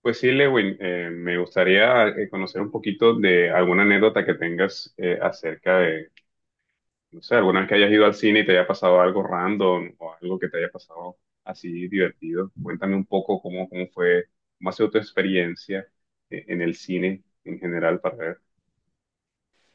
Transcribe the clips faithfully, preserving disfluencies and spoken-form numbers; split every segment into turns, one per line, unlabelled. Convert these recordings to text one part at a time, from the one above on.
Pues sí, Lewin, eh, me gustaría eh, conocer un poquito de alguna anécdota que tengas eh, acerca de, no sé, alguna vez que hayas ido al cine y te haya pasado algo random o algo que te haya pasado así divertido. Cuéntame un poco cómo, cómo fue, cómo ha sido tu experiencia eh, en el cine en general para ver.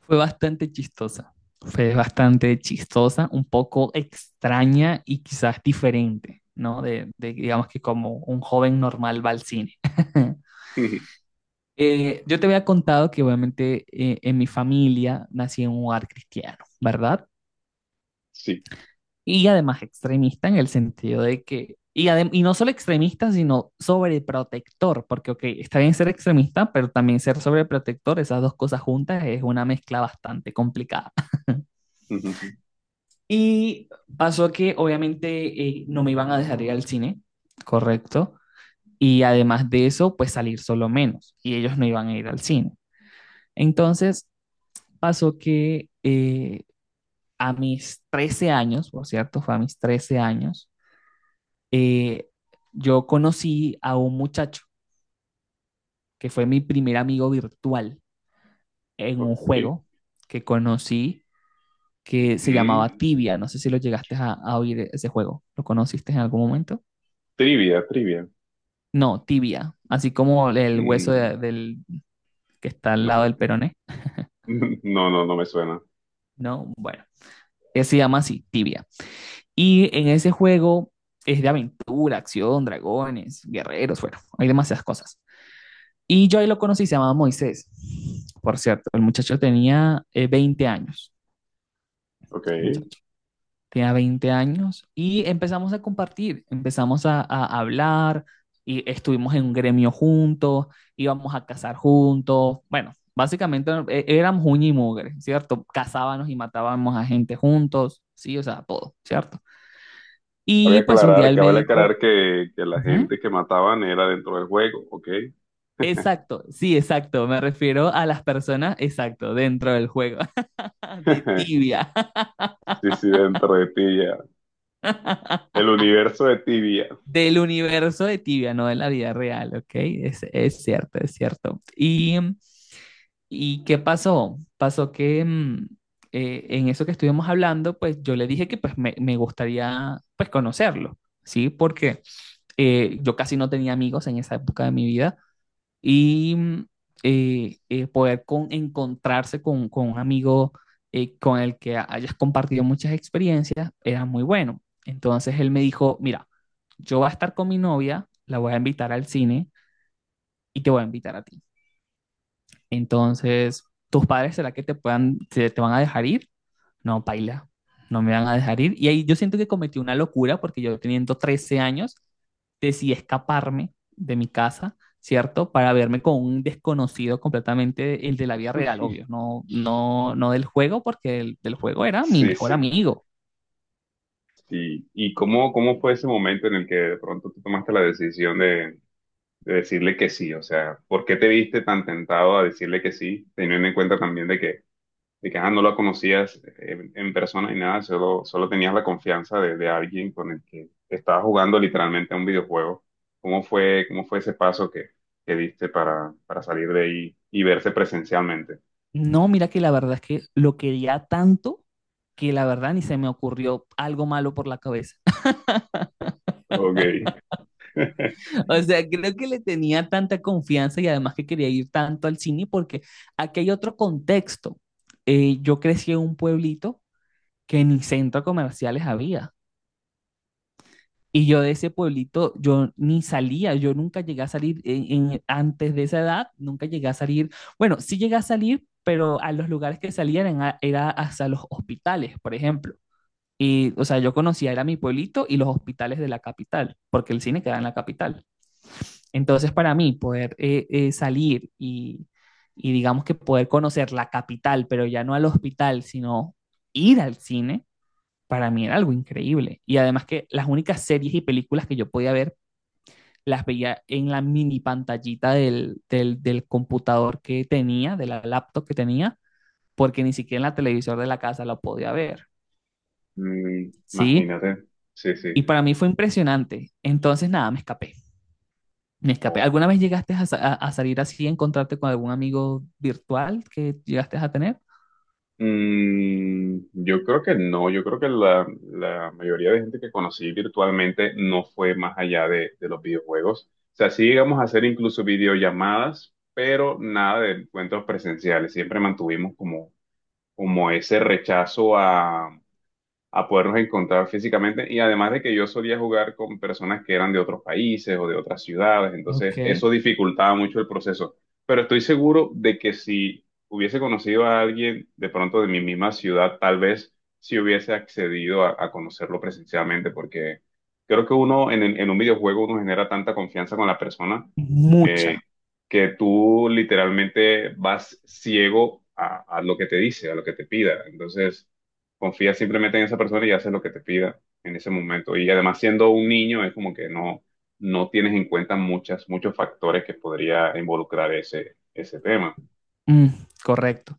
Fue bastante chistosa. Fue bastante chistosa, un poco extraña y quizás diferente, ¿no? De, de, digamos que como un joven normal va al cine. Eh, yo te había contado que obviamente eh, en mi familia nací en un hogar cristiano, ¿verdad?
Sí.
Y además extremista en el sentido de que, y, adem- y no solo extremista, sino sobreprotector, porque, ok, está bien ser extremista, pero también ser sobreprotector, esas dos cosas juntas es una mezcla bastante complicada.
Ujú.
Y pasó que obviamente eh, no me iban a dejar ir al cine, correcto, y además de eso, pues salir solo menos, y ellos no iban a ir al cine. Entonces pasó que eh, a mis trece años, por cierto, fue a mis trece años, eh, yo conocí a un muchacho que fue mi primer amigo virtual en un
Ok.
juego que conocí que se
Mm,
llamaba Tibia. No sé si lo llegaste a, a oír ese juego. ¿Lo conociste en algún momento?
trivia, trivia.
No, Tibia. Así como el hueso
Mm,
de- del, que está al lado
no,
del peroné.
no, no, no me suena.
No, bueno. eh, Se llama así, Tibia. Y en ese juego es de aventura, acción, dragones, guerreros, bueno, hay demasiadas cosas. Y yo ahí lo conocí, se llamaba Moisés. Por cierto, el muchacho tenía eh, veinte años.
Ok.
El muchacho tenía veinte años y empezamos a compartir, empezamos a, a hablar y estuvimos en un gremio juntos, íbamos a cazar juntos. Bueno, básicamente eh, éramos uña y mugre, ¿cierto? Cazábamos y matábamos a gente juntos, sí, o sea, todo, ¿cierto?
Cabe
Y pues un
aclarar,
día él me
cabe
dijo,
aclarar que, que la gente
"Ujú,
que mataban era dentro del juego, ¿ok?
exacto, sí, exacto, me refiero a las personas, exacto, dentro del juego. de tibia,
Sí, sí, dentro de Tibia. El universo de Tibia.
del universo de tibia, no de la vida real, ¿ok? Es, es cierto, es cierto. Y, ¿y qué pasó? Pasó que mm, eh, en eso que estuvimos hablando, pues yo le dije que pues me, me gustaría pues conocerlo, ¿sí? Porque eh, yo casi no tenía amigos en esa época de mi vida y mm, eh, eh, poder con- encontrarse con, con un amigo eh, con el que hayas compartido muchas experiencias era muy bueno. Entonces él me dijo, mira, yo voy a estar con mi novia, la voy a invitar al cine y te voy a invitar a ti. Entonces, ¿tus padres será que te puedan, te, te van a dejar ir? No, paila, no me van a dejar ir. Y ahí yo siento que cometí una locura porque yo teniendo trece años decidí escaparme de mi casa, ¿cierto? Para verme con un desconocido completamente, el de la vida real, obvio, no, no, no del juego, porque el del juego era mi
Sí,
mejor
sí.
amigo.
Sí. ¿Y cómo, cómo fue ese momento en el que de pronto tú tomaste la decisión de, de decirle que sí? O sea, ¿por qué te viste tan tentado a decirle que sí, teniendo en cuenta también de que de que ah, no lo conocías eh, en, en persona ni nada, solo, solo tenías la confianza de, de alguien con el que estabas jugando literalmente a un videojuego. ¿Cómo fue, cómo fue ese paso que, que diste para, para salir de ahí y verse presencialmente?
No, mira que la verdad es que lo quería tanto que la verdad ni se me ocurrió algo malo por la cabeza.
Ok.
O sea, creo que le tenía tanta confianza y además que quería ir tanto al cine porque aquí hay otro contexto. Eh, yo crecí en un pueblito que ni centros comerciales había. Y yo de ese pueblito, yo ni salía, yo nunca llegué a salir en- en- antes de esa edad, nunca llegué a salir. Bueno, sí llegué a salir, pero a los lugares que salían eran a- era hasta los hospitales, por ejemplo. Y, o sea, yo conocía, era mi pueblito y los hospitales de la capital, porque el cine queda en la capital. Entonces, para mí, poder eh, eh, salir y, y, digamos que poder conocer la capital, pero ya no al hospital, sino ir al cine, para mí era algo increíble. Y además que las únicas series y películas que yo podía ver, las veía en la mini pantallita del, del, del computador que tenía, de la laptop que tenía, porque ni siquiera en la televisor de la casa lo podía ver,
Mm,
¿sí?
imagínate, sí,
Y
sí.
para mí fue impresionante. Entonces, nada, me escapé. Me escapé. ¿Alguna
O-
vez llegaste a, sa- a- a salir así, a encontrarte con algún amigo virtual que llegaste a tener?
Mm, yo creo que no, yo creo que la, la mayoría de gente que conocí virtualmente no fue más allá de, de los videojuegos. O sea, sí llegamos a hacer incluso videollamadas, pero nada de encuentros presenciales. Siempre mantuvimos como, como ese rechazo a podernos encontrar físicamente. Y además de que yo solía jugar con personas que eran de otros países o de otras ciudades, entonces
Ok.
eso dificultaba mucho el proceso. Pero estoy seguro de que si hubiese conocido a alguien de pronto de mi misma ciudad, tal vez si hubiese accedido a, a conocerlo presencialmente, porque creo que uno en, en un videojuego uno genera tanta confianza con la persona.
Mucha.
eh, que tú literalmente vas ciego a, a lo que te dice, a lo que te pida. Entonces, confía simplemente en esa persona y haces lo que te pida en ese momento. Y además, siendo un niño, es como que no, no tienes en cuenta muchas, muchos factores que podría involucrar ese, ese tema.
Mm, correcto.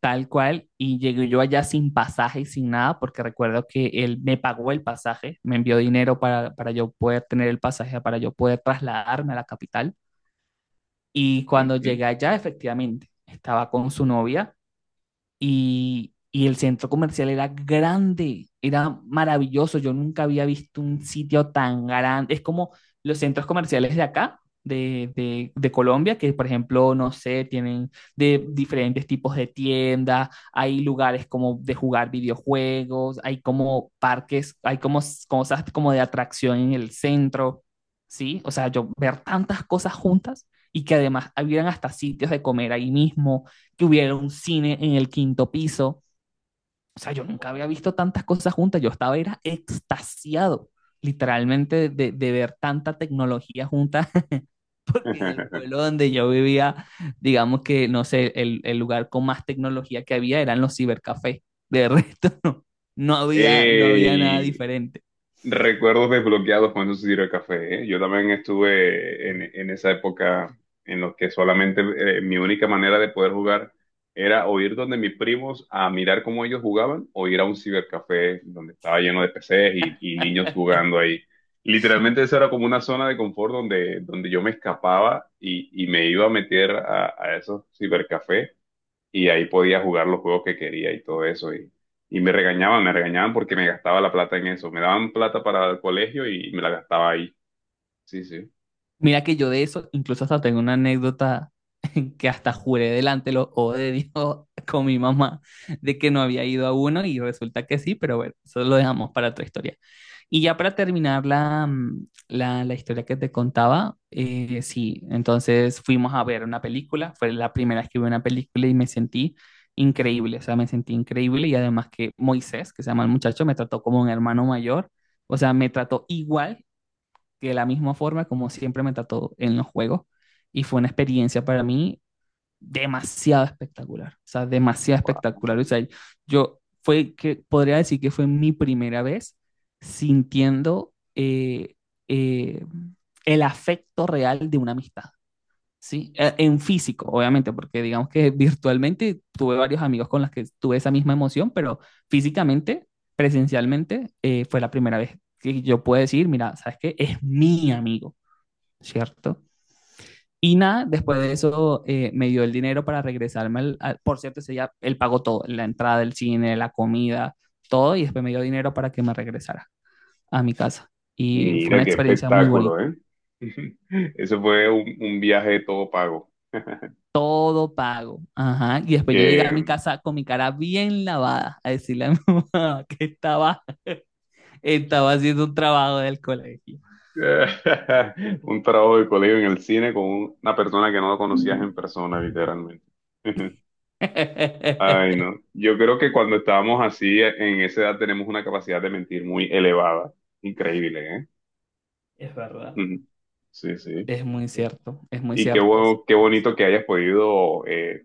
Tal cual. Y llegué yo allá sin pasaje y sin nada, porque recuerdo que él me pagó el pasaje, me envió dinero para, para yo poder tener el pasaje, para yo poder trasladarme a la capital. Y cuando
Ujú.
llegué allá, efectivamente, estaba con su novia y, y el centro comercial era grande, era maravilloso. Yo nunca había visto un sitio tan grande. Es como los centros comerciales de acá, de, de, de Colombia, que por ejemplo, no sé, tienen de diferentes tipos de tiendas, hay lugares como de jugar videojuegos, hay como parques, hay como s- cosas como de atracción en el centro, ¿sí? O sea, yo ver tantas cosas juntas y que además habían hasta sitios de comer ahí mismo, que hubiera un cine en el quinto piso. O sea, yo nunca había visto tantas cosas juntas. Yo estaba era extasiado, literalmente, de, de ver tanta tecnología junta, porque en el pueblo donde yo vivía, digamos que, no sé, el, el lugar con más tecnología que había eran los cibercafés. De resto, no, no había, no había nada
¡Ey!
diferente.
Recuerdos desbloqueados con esos tiro de café, ¿eh? Yo también estuve en, en esa época en los que solamente eh, mi única manera de poder jugar era o ir donde mis primos a mirar cómo ellos jugaban o ir a un cibercafé donde estaba lleno de P Cs y, y niños jugando ahí. Literalmente esa era como una zona de confort donde, donde yo me escapaba y, y me iba a meter a, a esos cibercafés y ahí podía jugar los juegos que quería y todo eso. Y, y me regañaban, me regañaban porque me gastaba la plata en eso. Me daban plata para el colegio y me la gastaba ahí. Sí, sí.
Mira que yo de eso, incluso hasta tengo una anécdota que hasta juré delante de los ojos de Dios con mi mamá de que no había ido a uno y resulta que sí, pero bueno, eso lo dejamos para otra historia. Y ya para terminar la, mm, la, la historia que te contaba, eh, sí, entonces fuimos a ver una película, fue la primera vez que vi una película y me sentí increíble, o sea, me sentí increíble y además que Moisés, que se llama el muchacho, me trató como un hermano mayor, o sea, me trató igual que de la misma forma como siempre me trató en los juegos y fue una experiencia para mí demasiado espectacular, o sea, demasiado
Guau.
espectacular. O sea, yo fue que podría decir que fue mi primera vez sintiendo eh, eh, el afecto real de una amistad, ¿sí? Eh, En físico, obviamente, porque digamos que virtualmente tuve varios amigos con los que tuve esa misma emoción, pero físicamente, presencialmente, eh, fue la primera vez que yo puedo decir, mira, ¿sabes qué? Es mi amigo, ¿cierto? Y nada, después de eso eh, me dio el dinero para regresarme. Al, al- por cierto, ese día él pagó todo, la entrada del cine, la comida, todo, y después me dio dinero para que me regresara a mi casa. Y fue una
Mira qué
experiencia muy bonita.
espectáculo, ¿eh? Eso fue un, un viaje todo pago.
Todo pago. Ajá. Y después yo llegué
Que
a mi casa con mi cara bien lavada a decirle a mi mamá que estaba, estaba haciendo un trabajo del colegio.
un trabajo de colegio en el cine con un- una persona que no lo conocías en persona, literalmente. Ay, no. Yo creo que cuando estábamos así, en esa edad tenemos una capacidad de mentir muy elevada. Increíble, ¿eh?
Es verdad.
Ujú. Sí, sí.
Es muy cierto, es muy
Y qué
cierto. Eso.
bueno, qué bonito que hayas podido eh,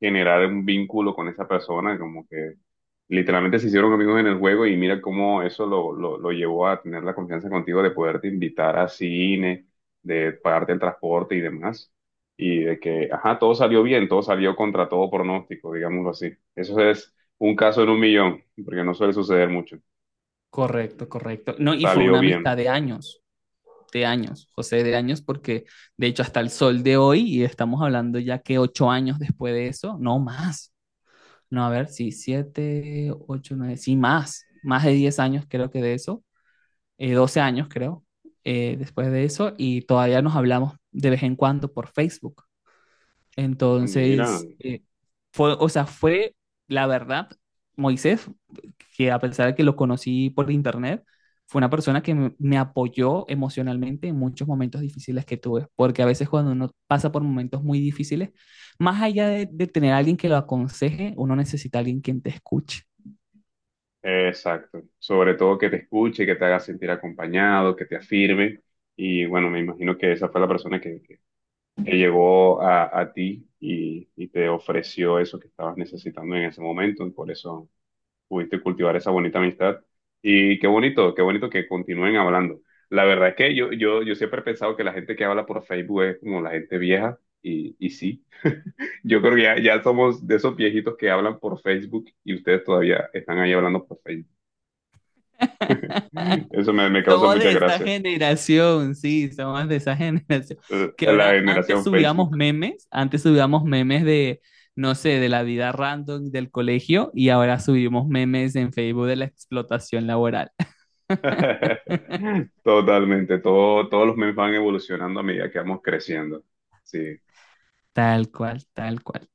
generar un vínculo con esa persona, como que literalmente se hicieron amigos en el juego y mira cómo eso lo, lo, lo llevó a tener la confianza contigo de poderte invitar a cine, de pagarte el transporte y demás. Y de que, ajá, todo salió bien, todo salió contra todo pronóstico, digámoslo así. Eso es un caso en un millón, porque no suele suceder mucho.
Correcto, correcto. No, y fue
Salió
una amistad
bien.
de años. De años, José, de años, porque de hecho hasta el sol de hoy, y estamos hablando ya que ocho años después de eso, no más, no, a ver, sí, siete, ocho, nueve, sí, más, más de diez años creo que de eso, eh, doce años creo, eh, después de eso, y todavía nos hablamos de vez en cuando por Facebook.
Ah, mira.
Entonces, eh, fue, o sea, fue la verdad, Moisés, que a pesar de que lo conocí por internet, fue una persona que me, me apoyó emocionalmente en muchos momentos difíciles que tuve, porque a veces cuando uno pasa por momentos muy difíciles, más allá de, de tener a alguien que lo aconseje, uno necesita a alguien quien te escuche.
Exacto. Sobre todo que te escuche, que te haga sentir acompañado, que te afirme. Y bueno, me imagino que esa fue la persona que, que, que llegó a, a ti y, y te ofreció eso que estabas necesitando en ese momento. Y por eso pudiste cultivar esa bonita amistad. Y qué bonito, qué bonito que continúen hablando. La verdad es que yo, yo, yo siempre he pensado que la gente que habla por Facebook es como la gente vieja. Y, y sí, yo creo que ya, ya somos de esos viejitos que hablan por Facebook y ustedes todavía están ahí hablando por Facebook. Eso me, me causa
Somos
mucha
de esa
gracia.
generación, sí, somos de esa generación.
Eh,
Que
La
ahora, antes
generación
subíamos
Facebook.
memes, antes subíamos memes de, no sé, de la vida random del colegio y ahora subimos memes en Facebook de la explotación laboral.
Totalmente. Todo, todos los memes van evolucionando a medida que vamos creciendo. Sí.
Tal cual, tal cual.